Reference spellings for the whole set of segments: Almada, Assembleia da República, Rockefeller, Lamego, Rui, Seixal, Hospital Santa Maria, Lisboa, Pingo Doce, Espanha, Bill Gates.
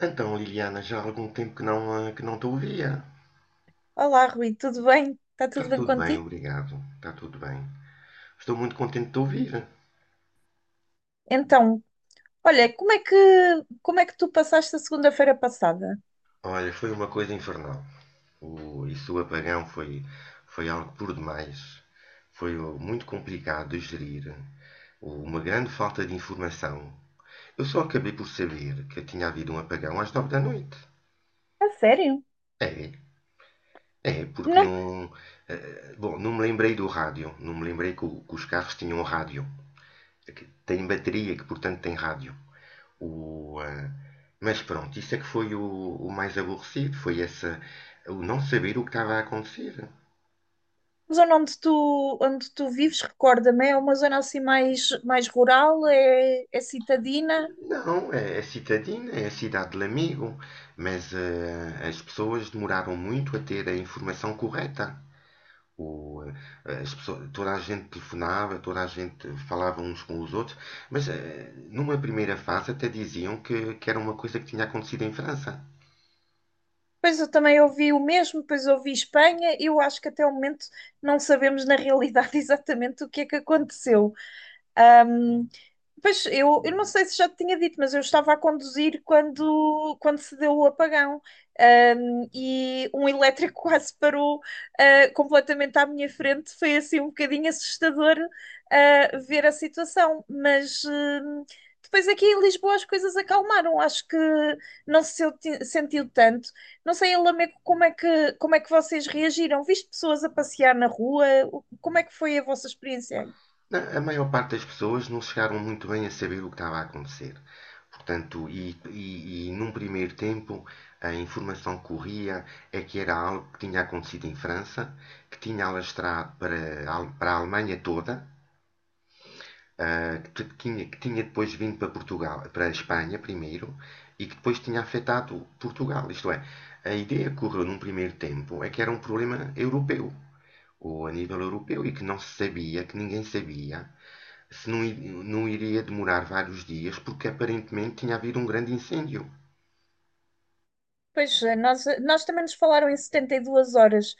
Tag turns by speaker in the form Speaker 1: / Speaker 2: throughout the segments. Speaker 1: Então, Liliana, já há algum tempo que que não te ouvia.
Speaker 2: Olá, Rui, tudo bem? Está
Speaker 1: Está
Speaker 2: tudo bem
Speaker 1: tudo bem,
Speaker 2: contigo?
Speaker 1: obrigado. Está tudo bem. Estou muito contente de te ouvir.
Speaker 2: Então, olha, como é que tu passaste a segunda-feira passada?
Speaker 1: Olha, foi uma coisa infernal. O apagão foi algo por demais. Foi muito complicado de gerir. Oh, uma grande falta de informação. Eu só acabei por saber que tinha havido um apagão às nove da noite.
Speaker 2: A sério?
Speaker 1: É, Porque
Speaker 2: Não,
Speaker 1: não. Bom, não me lembrei do rádio. Não me lembrei que os carros tinham rádio. É que tem bateria, que portanto tem rádio. O, ah, mas pronto, isso é que foi o mais aborrecido, foi o não saber o que estava a acontecer.
Speaker 2: a zona onde tu vives, recorda-me, é uma zona assim mais, rural, é citadina.
Speaker 1: Não, é, é citadina, é a cidade do amigo, mas as pessoas demoraram muito a ter a informação correta. O, As pessoas, toda a gente telefonava, toda a gente falava uns com os outros, mas numa primeira fase até diziam que era uma coisa que tinha acontecido em França.
Speaker 2: Pois eu também ouvi o mesmo, depois ouvi Espanha. Eu acho que até o momento não sabemos na realidade exatamente o que é que aconteceu. Ahm, Pois eu, não sei se já te tinha dito, mas eu estava a conduzir quando se deu o apagão. E um elétrico quase parou, completamente à minha frente. Foi assim um bocadinho assustador, ver a situação, mas. Depois aqui em Lisboa as coisas acalmaram, acho que não se sentiu tanto. Não sei, em Lamego, como é que vocês reagiram? Viste pessoas a passear na rua? Como é que foi a vossa experiência?
Speaker 1: A maior parte das pessoas não chegaram muito bem a saber o que estava a acontecer. Portanto, e num primeiro tempo, a informação que corria é que era algo que tinha acontecido em França, que tinha alastrado para a Alemanha toda, ah, que, tinha, que tinha depois vindo para Portugal, para a Espanha primeiro, e que depois tinha afetado Portugal. Isto é, a ideia que correu num primeiro tempo é que era um problema europeu, ou a nível europeu, e que não se sabia, que ninguém sabia se não, não iria demorar vários dias, porque aparentemente tinha havido um grande incêndio.
Speaker 2: Pois, nós, nós também nos falaram em 72 horas.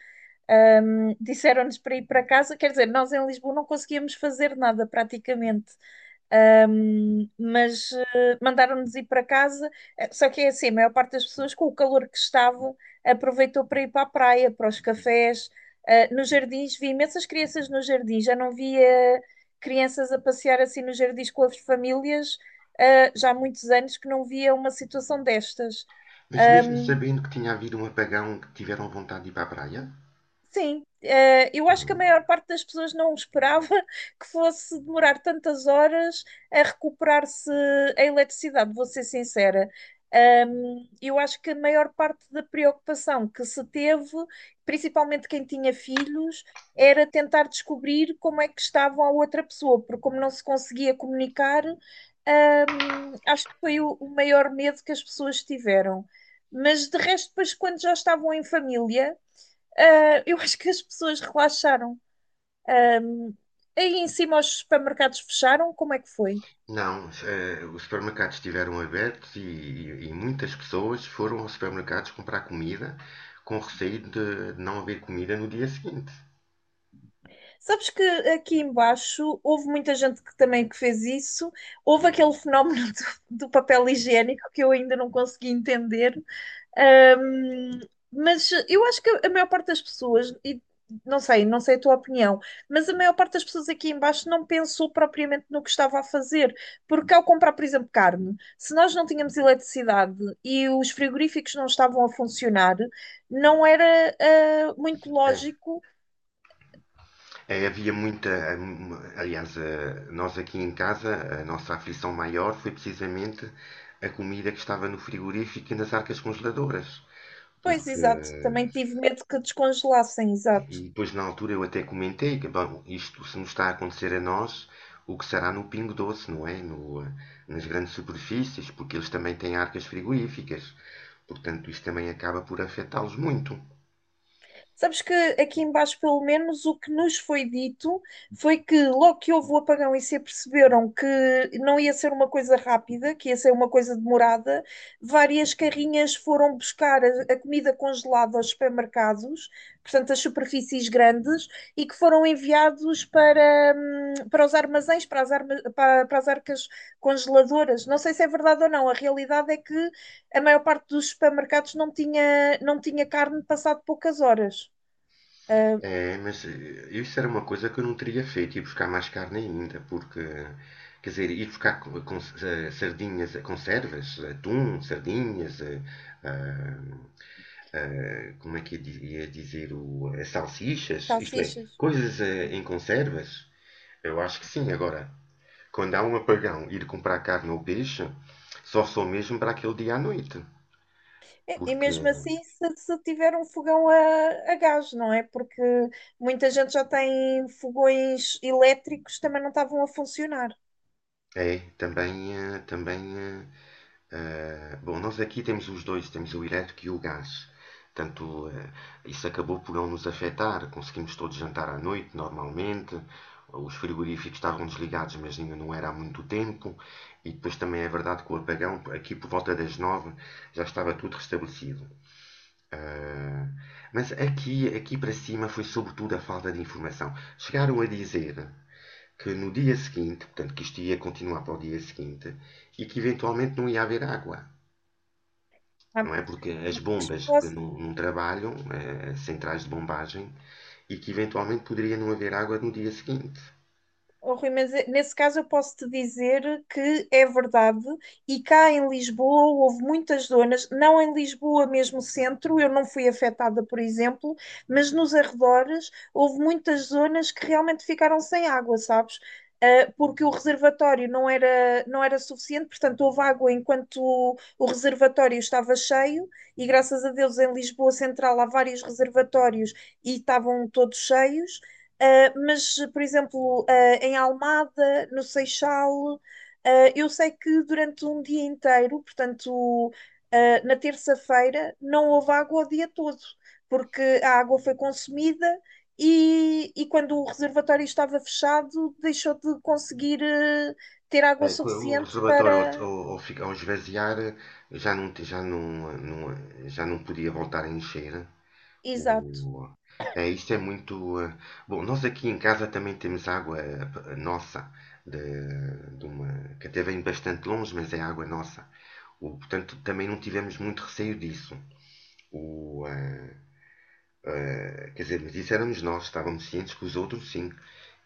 Speaker 2: Disseram-nos para ir para casa, quer dizer, nós em Lisboa não conseguíamos fazer nada praticamente. Mas mandaram-nos ir para casa. Só que é assim, a maior parte das pessoas, com o calor que estava, aproveitou para ir para a praia, para os cafés, nos jardins. Vi imensas crianças nos jardins, já não via crianças a passear assim nos jardins com as famílias. Já há muitos anos que não via uma situação destas.
Speaker 1: Mas mesmo sabendo que tinha havido um apagão, que tiveram vontade de ir para a praia?
Speaker 2: Sim, eu acho que a
Speaker 1: Uhum.
Speaker 2: maior parte das pessoas não esperava que fosse demorar tantas horas a recuperar-se a eletricidade, vou ser sincera. Eu acho que a maior parte da preocupação que se teve, principalmente quem tinha filhos, era tentar descobrir como é que estava a outra pessoa, porque como não se conseguia comunicar, acho que foi o maior medo que as pessoas tiveram. Mas de resto, depois, quando já estavam em família, eu acho que as pessoas relaxaram. Ah, Aí em cima os supermercados fecharam, como é que foi?
Speaker 1: Não, os supermercados estiveram abertos e, e muitas pessoas foram aos supermercados comprar comida com receio de não haver comida no dia seguinte.
Speaker 2: Sabes que aqui embaixo houve muita gente que também que fez isso. Houve aquele fenómeno do papel higiênico que eu ainda não consegui entender. Ahm, mas eu acho que a maior parte das pessoas, e não sei a tua opinião, mas a maior parte das pessoas aqui embaixo não pensou propriamente no que estava a fazer, porque ao comprar, por exemplo, carne, se nós não tínhamos eletricidade e os frigoríficos não estavam a funcionar, não era muito
Speaker 1: É,
Speaker 2: lógico.
Speaker 1: Havia muita. Aliás, nós aqui em casa, a nossa aflição maior foi precisamente a comida que estava no frigorífico e nas arcas congeladoras.
Speaker 2: Pois,
Speaker 1: Porque,
Speaker 2: exato. Também tive medo que descongelassem,
Speaker 1: e
Speaker 2: exato.
Speaker 1: depois na altura eu até comentei bom, isto se nos está a acontecer a nós, o que será no Pingo Doce, não é? No, eh, Nas grandes superfícies, porque eles também têm arcas frigoríficas. Portanto, isto também acaba por afetá-los muito.
Speaker 2: Sabes que aqui embaixo, pelo menos, o que nos foi dito foi que logo que houve o apagão e se aperceberam que não ia ser uma coisa rápida, que ia ser uma coisa demorada, várias carrinhas foram buscar a comida congelada aos supermercados, portanto, as superfícies grandes, e que foram enviados para, para os armazéns, para as arcas congeladoras. Não sei se é verdade ou não, a realidade é que a maior parte dos supermercados não tinha carne passado poucas horas.
Speaker 1: É, mas isso era uma coisa que eu não teria feito, ir buscar mais carne ainda, porque, quer dizer, ir buscar sardinhas, conservas, atum, sardinhas, ah, como é que ia dizer, salsichas, isto é,
Speaker 2: Salsichas.
Speaker 1: coisas em conservas? Eu acho que sim. Agora, quando há um apagão, ir comprar carne ou peixe, só sou mesmo para aquele dia à noite.
Speaker 2: E
Speaker 1: Porque
Speaker 2: mesmo assim, se tiver um fogão a gás, não é? Porque muita gente já tem fogões elétricos, também não estavam a funcionar.
Speaker 1: é, também, bom, nós aqui temos os dois, temos o elétrico e o gás. Portanto, isso acabou por não nos afetar. Conseguimos todos jantar à noite, normalmente. Os frigoríficos estavam desligados, mas ainda não era há muito tempo. E depois também é verdade que o apagão, aqui por volta das nove, já estava tudo restabelecido. Eh, mas aqui para cima foi sobretudo a falta de informação. Chegaram a dizer que no dia seguinte, portanto, que isto ia continuar para o dia seguinte, e que eventualmente não ia haver água,
Speaker 2: Há
Speaker 1: não é? Porque as
Speaker 2: muitas
Speaker 1: bombas
Speaker 2: pessoas.
Speaker 1: que não trabalham, as centrais de bombagem, e que eventualmente poderia não haver água no dia seguinte.
Speaker 2: Oh, Rui, mas nesse caso eu posso te dizer que é verdade, e cá em Lisboa houve muitas zonas, não em Lisboa mesmo centro, eu não fui afetada, por exemplo, mas nos arredores houve muitas zonas que realmente ficaram sem água, sabes? Porque o reservatório não era suficiente, portanto houve água enquanto o reservatório estava cheio, e graças a Deus em Lisboa Central há vários reservatórios e estavam todos cheios. Mas por exemplo, em Almada, no Seixal, eu sei que durante um dia inteiro, portanto, uh, na terça-feira, não houve água o dia todo, porque a água foi consumida e quando o reservatório estava fechado, deixou de conseguir ter água
Speaker 1: O
Speaker 2: suficiente
Speaker 1: reservatório,
Speaker 2: para.
Speaker 1: ao esvaziar, já não podia voltar a encher.
Speaker 2: Exato.
Speaker 1: O, é isto é muito. Bom, nós aqui em casa também temos água nossa, de, de uma, que até vem bastante longe, mas é água nossa. O, portanto, também não tivemos muito receio disso. O, eh, Quer dizer, mas isso éramos nós, estávamos cientes que os outros sim.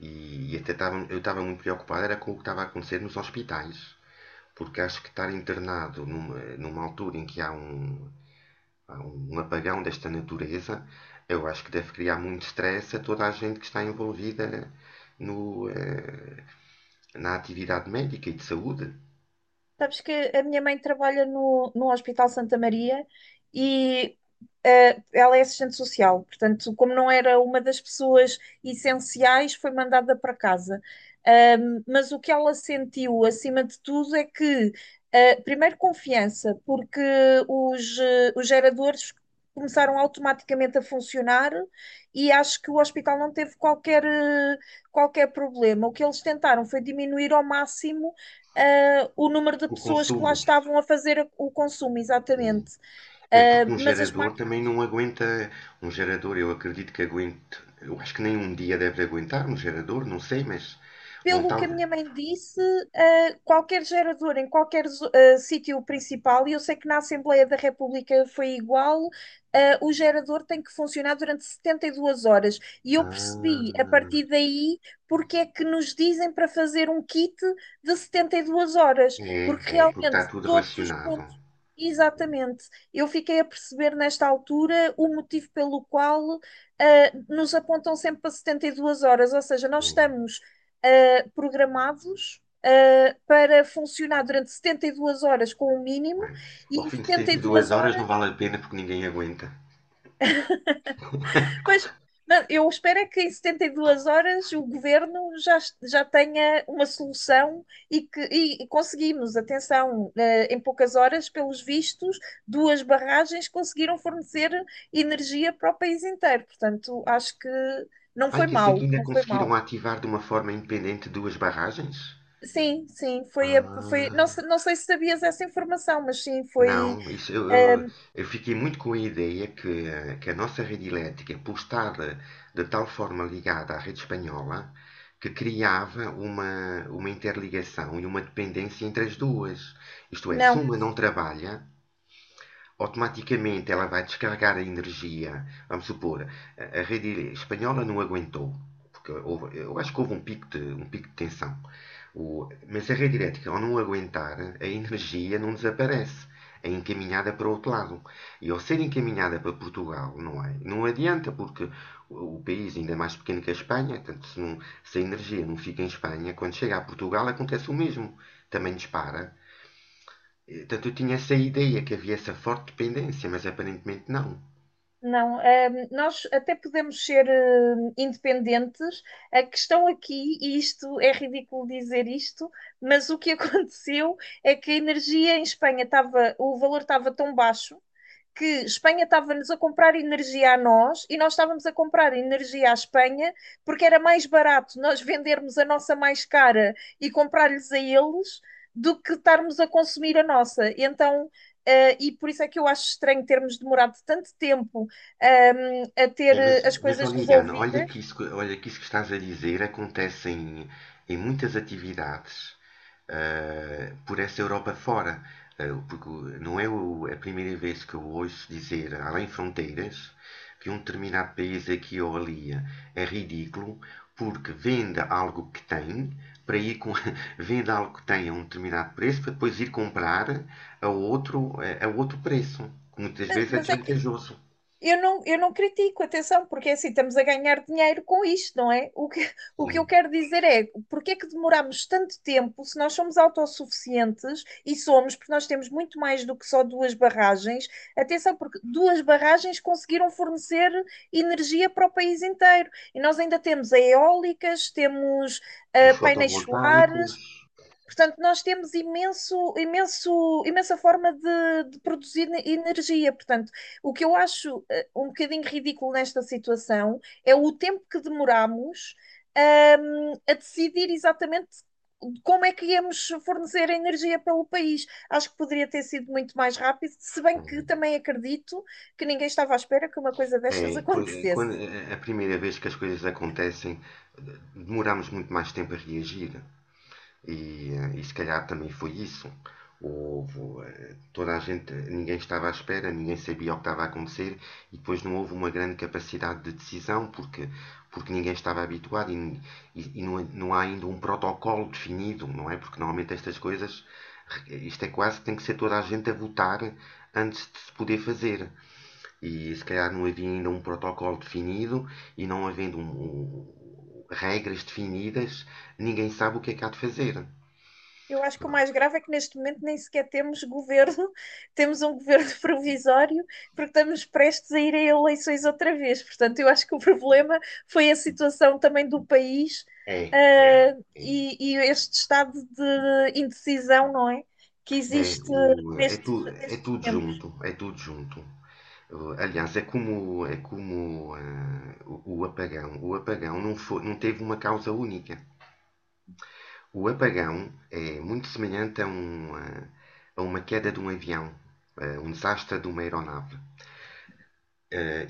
Speaker 1: E até eu estava muito preocupado era com o que estava a acontecer nos hospitais, porque acho que estar internado numa altura em que há há um apagão desta natureza, eu acho que deve criar muito stress a toda a gente que está envolvida no, eh, na atividade médica e de saúde.
Speaker 2: Sabes que a minha mãe trabalha no Hospital Santa Maria e, ela é assistente social, portanto, como não era uma das pessoas essenciais, foi mandada para casa. Mas o que ela sentiu, acima de tudo, é que, primeiro, confiança, porque os, os geradores começaram automaticamente a funcionar e acho que o hospital não teve qualquer problema. O que eles tentaram foi diminuir ao máximo, o número de
Speaker 1: O
Speaker 2: pessoas que lá
Speaker 1: consumo
Speaker 2: estavam a fazer o consumo,
Speaker 1: eh,
Speaker 2: exatamente.
Speaker 1: é porque
Speaker 2: Ah,
Speaker 1: um
Speaker 2: mas as
Speaker 1: gerador também
Speaker 2: máquinas,
Speaker 1: não aguenta. Um gerador, eu acredito que aguente. Eu acho que nem um dia deve aguentar um gerador, não sei, mas. Bom,
Speaker 2: pelo que a
Speaker 1: talvez.
Speaker 2: minha mãe disse, qualquer gerador em qualquer sítio principal, e eu sei que na Assembleia da República foi igual, o gerador tem que funcionar durante 72 horas. E eu percebi a
Speaker 1: Ah,
Speaker 2: partir daí porque é que nos dizem para fazer um kit de 72 horas,
Speaker 1: É,
Speaker 2: porque
Speaker 1: é, porque está
Speaker 2: realmente
Speaker 1: tudo
Speaker 2: todos os
Speaker 1: relacionado.
Speaker 2: pontos.
Speaker 1: Hum,
Speaker 2: Exatamente. Eu fiquei a perceber nesta altura o motivo pelo qual, nos apontam sempre para 72 horas, ou seja, nós
Speaker 1: hum.
Speaker 2: estamos programados, para funcionar durante 72 horas com o mínimo e
Speaker 1: Ao
Speaker 2: em
Speaker 1: fim de
Speaker 2: setenta e
Speaker 1: 72
Speaker 2: duas
Speaker 1: horas não
Speaker 2: horas.
Speaker 1: vale a pena porque ninguém aguenta.
Speaker 2: Pois, não, eu espero é que em 72 horas o governo já tenha uma solução e que e conseguimos, atenção, em poucas horas, pelos vistos, duas barragens conseguiram fornecer energia para o país inteiro. Portanto, acho que não
Speaker 1: Ai,
Speaker 2: foi
Speaker 1: que isso aqui
Speaker 2: mal,
Speaker 1: ainda
Speaker 2: não foi mal.
Speaker 1: conseguiram ativar de uma forma independente duas barragens?
Speaker 2: Sim, sim, foi não,
Speaker 1: Ah.
Speaker 2: não sei se sabias essa informação, mas sim, foi.
Speaker 1: Não, isso,
Speaker 2: ah,
Speaker 1: eu- Eu fiquei muito com a ideia que a nossa rede elétrica, por estar de tal forma ligada à rede espanhola, que criava uma interligação e uma dependência entre as duas. Isto é, se
Speaker 2: não,
Speaker 1: uma não trabalha, automaticamente ela vai descarregar a energia. Vamos supor, a rede espanhola não aguentou, porque eu acho que houve um pico de tensão. O- mas a rede elétrica, ao não aguentar, a energia não desaparece. É encaminhada para o outro lado. E ao ser encaminhada para Portugal, não é? Não adianta, porque o país ainda é mais pequeno que a Espanha, portanto, se a energia não fica em Espanha, quando chega a Portugal acontece o mesmo. Também dispara. Portanto, eu tinha essa ideia que havia essa forte dependência, mas aparentemente não.
Speaker 2: não, nós até podemos ser, independentes. A questão aqui, e isto é ridículo dizer isto, mas o que aconteceu é que a energia em Espanha estava, o valor estava tão baixo que Espanha estava-nos a comprar energia a nós e nós estávamos a comprar energia à Espanha porque era mais barato nós vendermos a nossa mais cara e comprar-lhes a eles do que estarmos a consumir a nossa. Então, e por isso é que eu acho estranho termos demorado tanto tempo, a ter,
Speaker 1: É,
Speaker 2: as
Speaker 1: mas
Speaker 2: coisas
Speaker 1: olha, Irana, olha
Speaker 2: resolvidas,
Speaker 1: olha que isso que estás a dizer acontece em muitas atividades por essa Europa fora. Porque não é o- é a primeira vez que eu ouço dizer, além fronteiras, que um determinado país aqui ou ali é ridículo porque vende algo que tem para ir com, vende algo que tem a um determinado preço para depois ir comprar a outro, a outro preço, que muitas
Speaker 2: mas,
Speaker 1: vezes é
Speaker 2: mas é que
Speaker 1: desvantajoso.
Speaker 2: eu não critico, atenção, porque é assim, estamos a ganhar dinheiro com isto, não é? O que eu quero dizer é, porque é que demoramos tanto tempo se nós somos autossuficientes? E somos, porque nós temos muito mais do que só duas barragens. Atenção, porque duas barragens conseguiram fornecer energia para o país inteiro. E nós ainda temos eólicas, temos,
Speaker 1: Os
Speaker 2: painéis solares.
Speaker 1: fotovoltaicos.
Speaker 2: Portanto, nós temos imenso, imenso, imensa forma de produzir energia. Portanto, o que eu acho, um bocadinho ridículo nesta situação é o tempo que demoramos, a decidir exatamente como é que íamos fornecer energia pelo país. Acho que poderia ter sido muito mais rápido, se bem que também acredito que ninguém estava à espera que uma coisa destas acontecesse.
Speaker 1: É, é a primeira vez que as coisas acontecem, demoramos muito mais tempo a reagir. E, e se calhar também foi isso. Houve, Toda a gente, ninguém estava à espera, ninguém sabia o que estava a acontecer e depois não houve uma grande capacidade de decisão porque ninguém estava habituado e não há ainda um protocolo definido, não é? Porque normalmente estas coisas, isto é quase que tem que ser toda a gente a votar antes de se poder fazer. E se calhar não havia ainda um protocolo definido e não havendo regras definidas, ninguém sabe o que é que há de fazer.
Speaker 2: Eu acho que o mais grave é que neste momento nem sequer temos governo, temos um governo provisório, porque estamos prestes a ir a eleições outra vez. Portanto, eu acho que o problema foi a situação também do país,
Speaker 1: É, é, É.
Speaker 2: e este estado de indecisão, não é? Que existe nestes,
Speaker 1: É
Speaker 2: nestes
Speaker 1: tudo junto,
Speaker 2: tempos.
Speaker 1: é tudo junto. Aliás, é como o apagão. O apagão não foi, não teve uma causa única. O apagão é muito semelhante a uma queda de um avião, a um desastre de uma aeronave.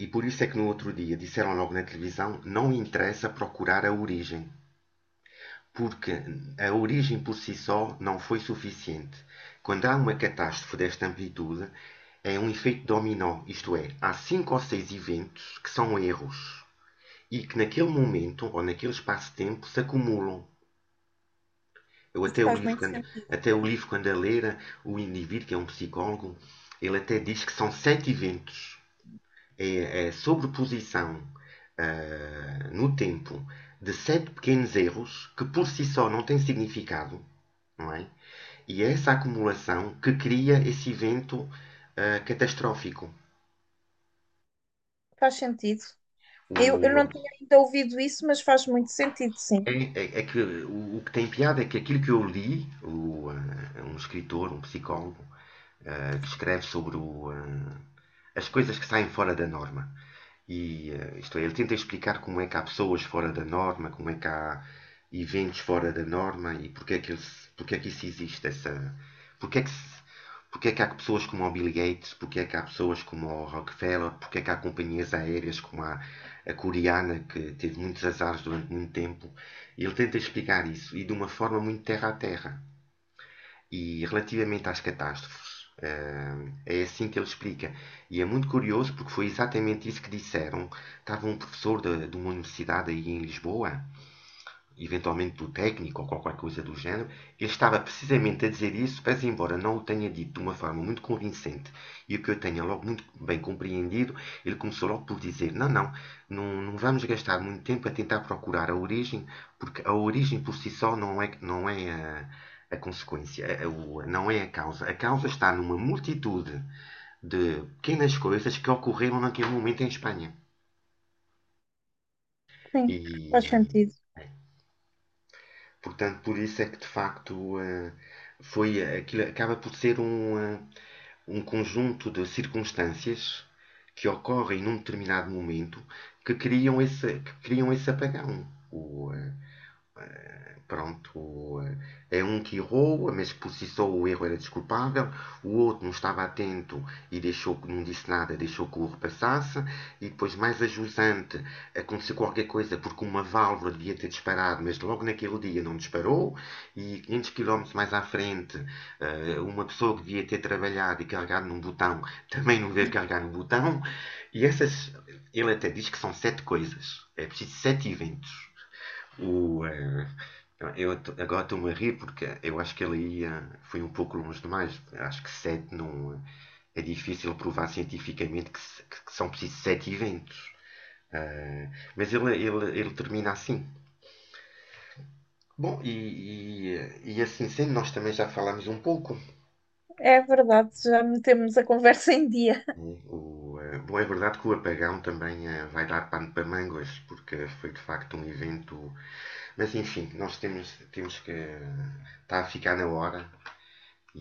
Speaker 1: E por isso é que no outro dia disseram logo na televisão: não interessa procurar a origem, porque a origem por si só não foi suficiente. Quando há uma catástrofe desta amplitude, é um efeito dominó, isto é, há cinco ou seis eventos que são erros e que naquele momento ou naquele espaço-tempo se acumulam. Eu
Speaker 2: Isso
Speaker 1: até o
Speaker 2: faz
Speaker 1: livro
Speaker 2: muito
Speaker 1: quando,
Speaker 2: sentido.
Speaker 1: Até o livro quando a ler, o indivíduo que é um psicólogo, ele até diz que são sete eventos, é a sobreposição no tempo de sete pequenos erros que por si só não têm significado, não é? E é essa acumulação que cria esse evento catastrófico.
Speaker 2: Faz sentido. Eu não
Speaker 1: O,
Speaker 2: tinha ainda ouvido isso, mas faz muito sentido, sim.
Speaker 1: É que o que tem piada é que aquilo que eu li, um escritor, um psicólogo, que escreve sobre as coisas que saem fora da norma. Isto é, ele tenta explicar como é que há pessoas fora da norma, como é que há eventos fora da norma e porque é porque é que isso existe, porque é que porque é que há pessoas como o Bill Gates, porque é que há pessoas como o Rockefeller, porque é que há companhias aéreas como a coreana que teve muitos azares durante muito tempo. E ele tenta explicar isso e de uma forma muito terra a terra. E relativamente às catástrofes, é assim que ele explica. E é muito curioso porque foi exatamente isso que disseram. Estava um professor de uma universidade aí em Lisboa, eventualmente do técnico ou qualquer coisa do género, ele estava precisamente a dizer isso, mas embora não o tenha dito de uma forma muito convincente e o que eu tenha logo muito bem compreendido, ele começou logo por dizer: não vamos gastar muito tempo a tentar procurar a origem, porque a origem por si só não é a consequência, não é a causa. A causa está numa multitude de pequenas coisas que ocorreram naquele momento em Espanha.
Speaker 2: Sim,
Speaker 1: E
Speaker 2: faz
Speaker 1: eh,
Speaker 2: sentido.
Speaker 1: Portanto, por isso é que de facto aquilo acaba por ser um conjunto de circunstâncias que ocorrem num determinado momento que criam que criam esse apagão. O, eh, Pronto, é um que errou, mas processou o erro, era desculpável. O outro não estava atento e deixou, não disse nada, deixou que o erro passasse. E depois, mais a, aconteceu qualquer coisa porque uma válvula devia ter disparado, mas logo naquele dia não disparou. E 500 km mais à frente, uma pessoa que devia ter trabalhado e carregado num botão também não veio carregar no botão. E essas, Ele até diz que são sete coisas. É preciso sete eventos. O, eh, eu t- Agora estou-me a rir porque eu acho que foi um pouco longe demais. Acho que sete não. É difícil provar cientificamente que, se- que são precisos sete eventos. Ah, Ele termina assim. Bom, e, e assim sendo, nós também já falámos um pouco.
Speaker 2: É verdade, já metemos a conversa em dia.
Speaker 1: Né? Bom, é verdade que o apagão também vai dar pano para mangas, porque foi de facto um evento. Mas enfim, temos que. Está a ficar na hora.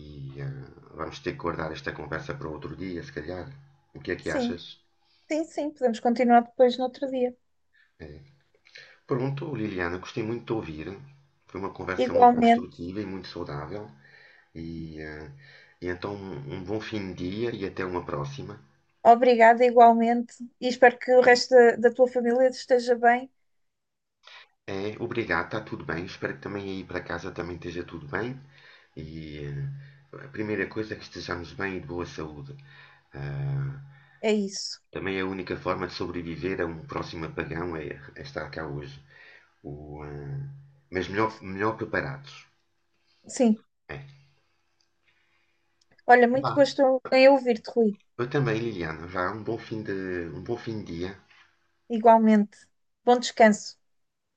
Speaker 1: E vamos ter que guardar esta conversa para outro dia, se calhar. O que é que
Speaker 2: Sim.
Speaker 1: achas?
Speaker 2: Sim, sim, podemos continuar depois no outro dia.
Speaker 1: É. Pronto, Liliana, gostei muito de ouvir. Foi uma conversa muito
Speaker 2: Igualmente,
Speaker 1: construtiva e muito saudável. E, ah, e então, um um bom fim de dia e até uma próxima.
Speaker 2: obrigada, igualmente, e espero que o resto da tua família esteja bem.
Speaker 1: É, obrigado, está tudo bem. Espero que também aí para casa também esteja tudo bem. E a primeira coisa é que estejamos bem e de boa saúde. Ah,
Speaker 2: É isso.
Speaker 1: Também a única forma de sobreviver a um próximo apagão é estar cá hoje. O, eh, mas melhor, melhor preparados.
Speaker 2: Sim.
Speaker 1: É.
Speaker 2: Olha, muito
Speaker 1: Vá.
Speaker 2: gosto em ouvir-te, Rui.
Speaker 1: Eu também, Liliana, já um bom um bom fim de dia.
Speaker 2: Igualmente. Bom descanso.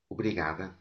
Speaker 1: Obrigada.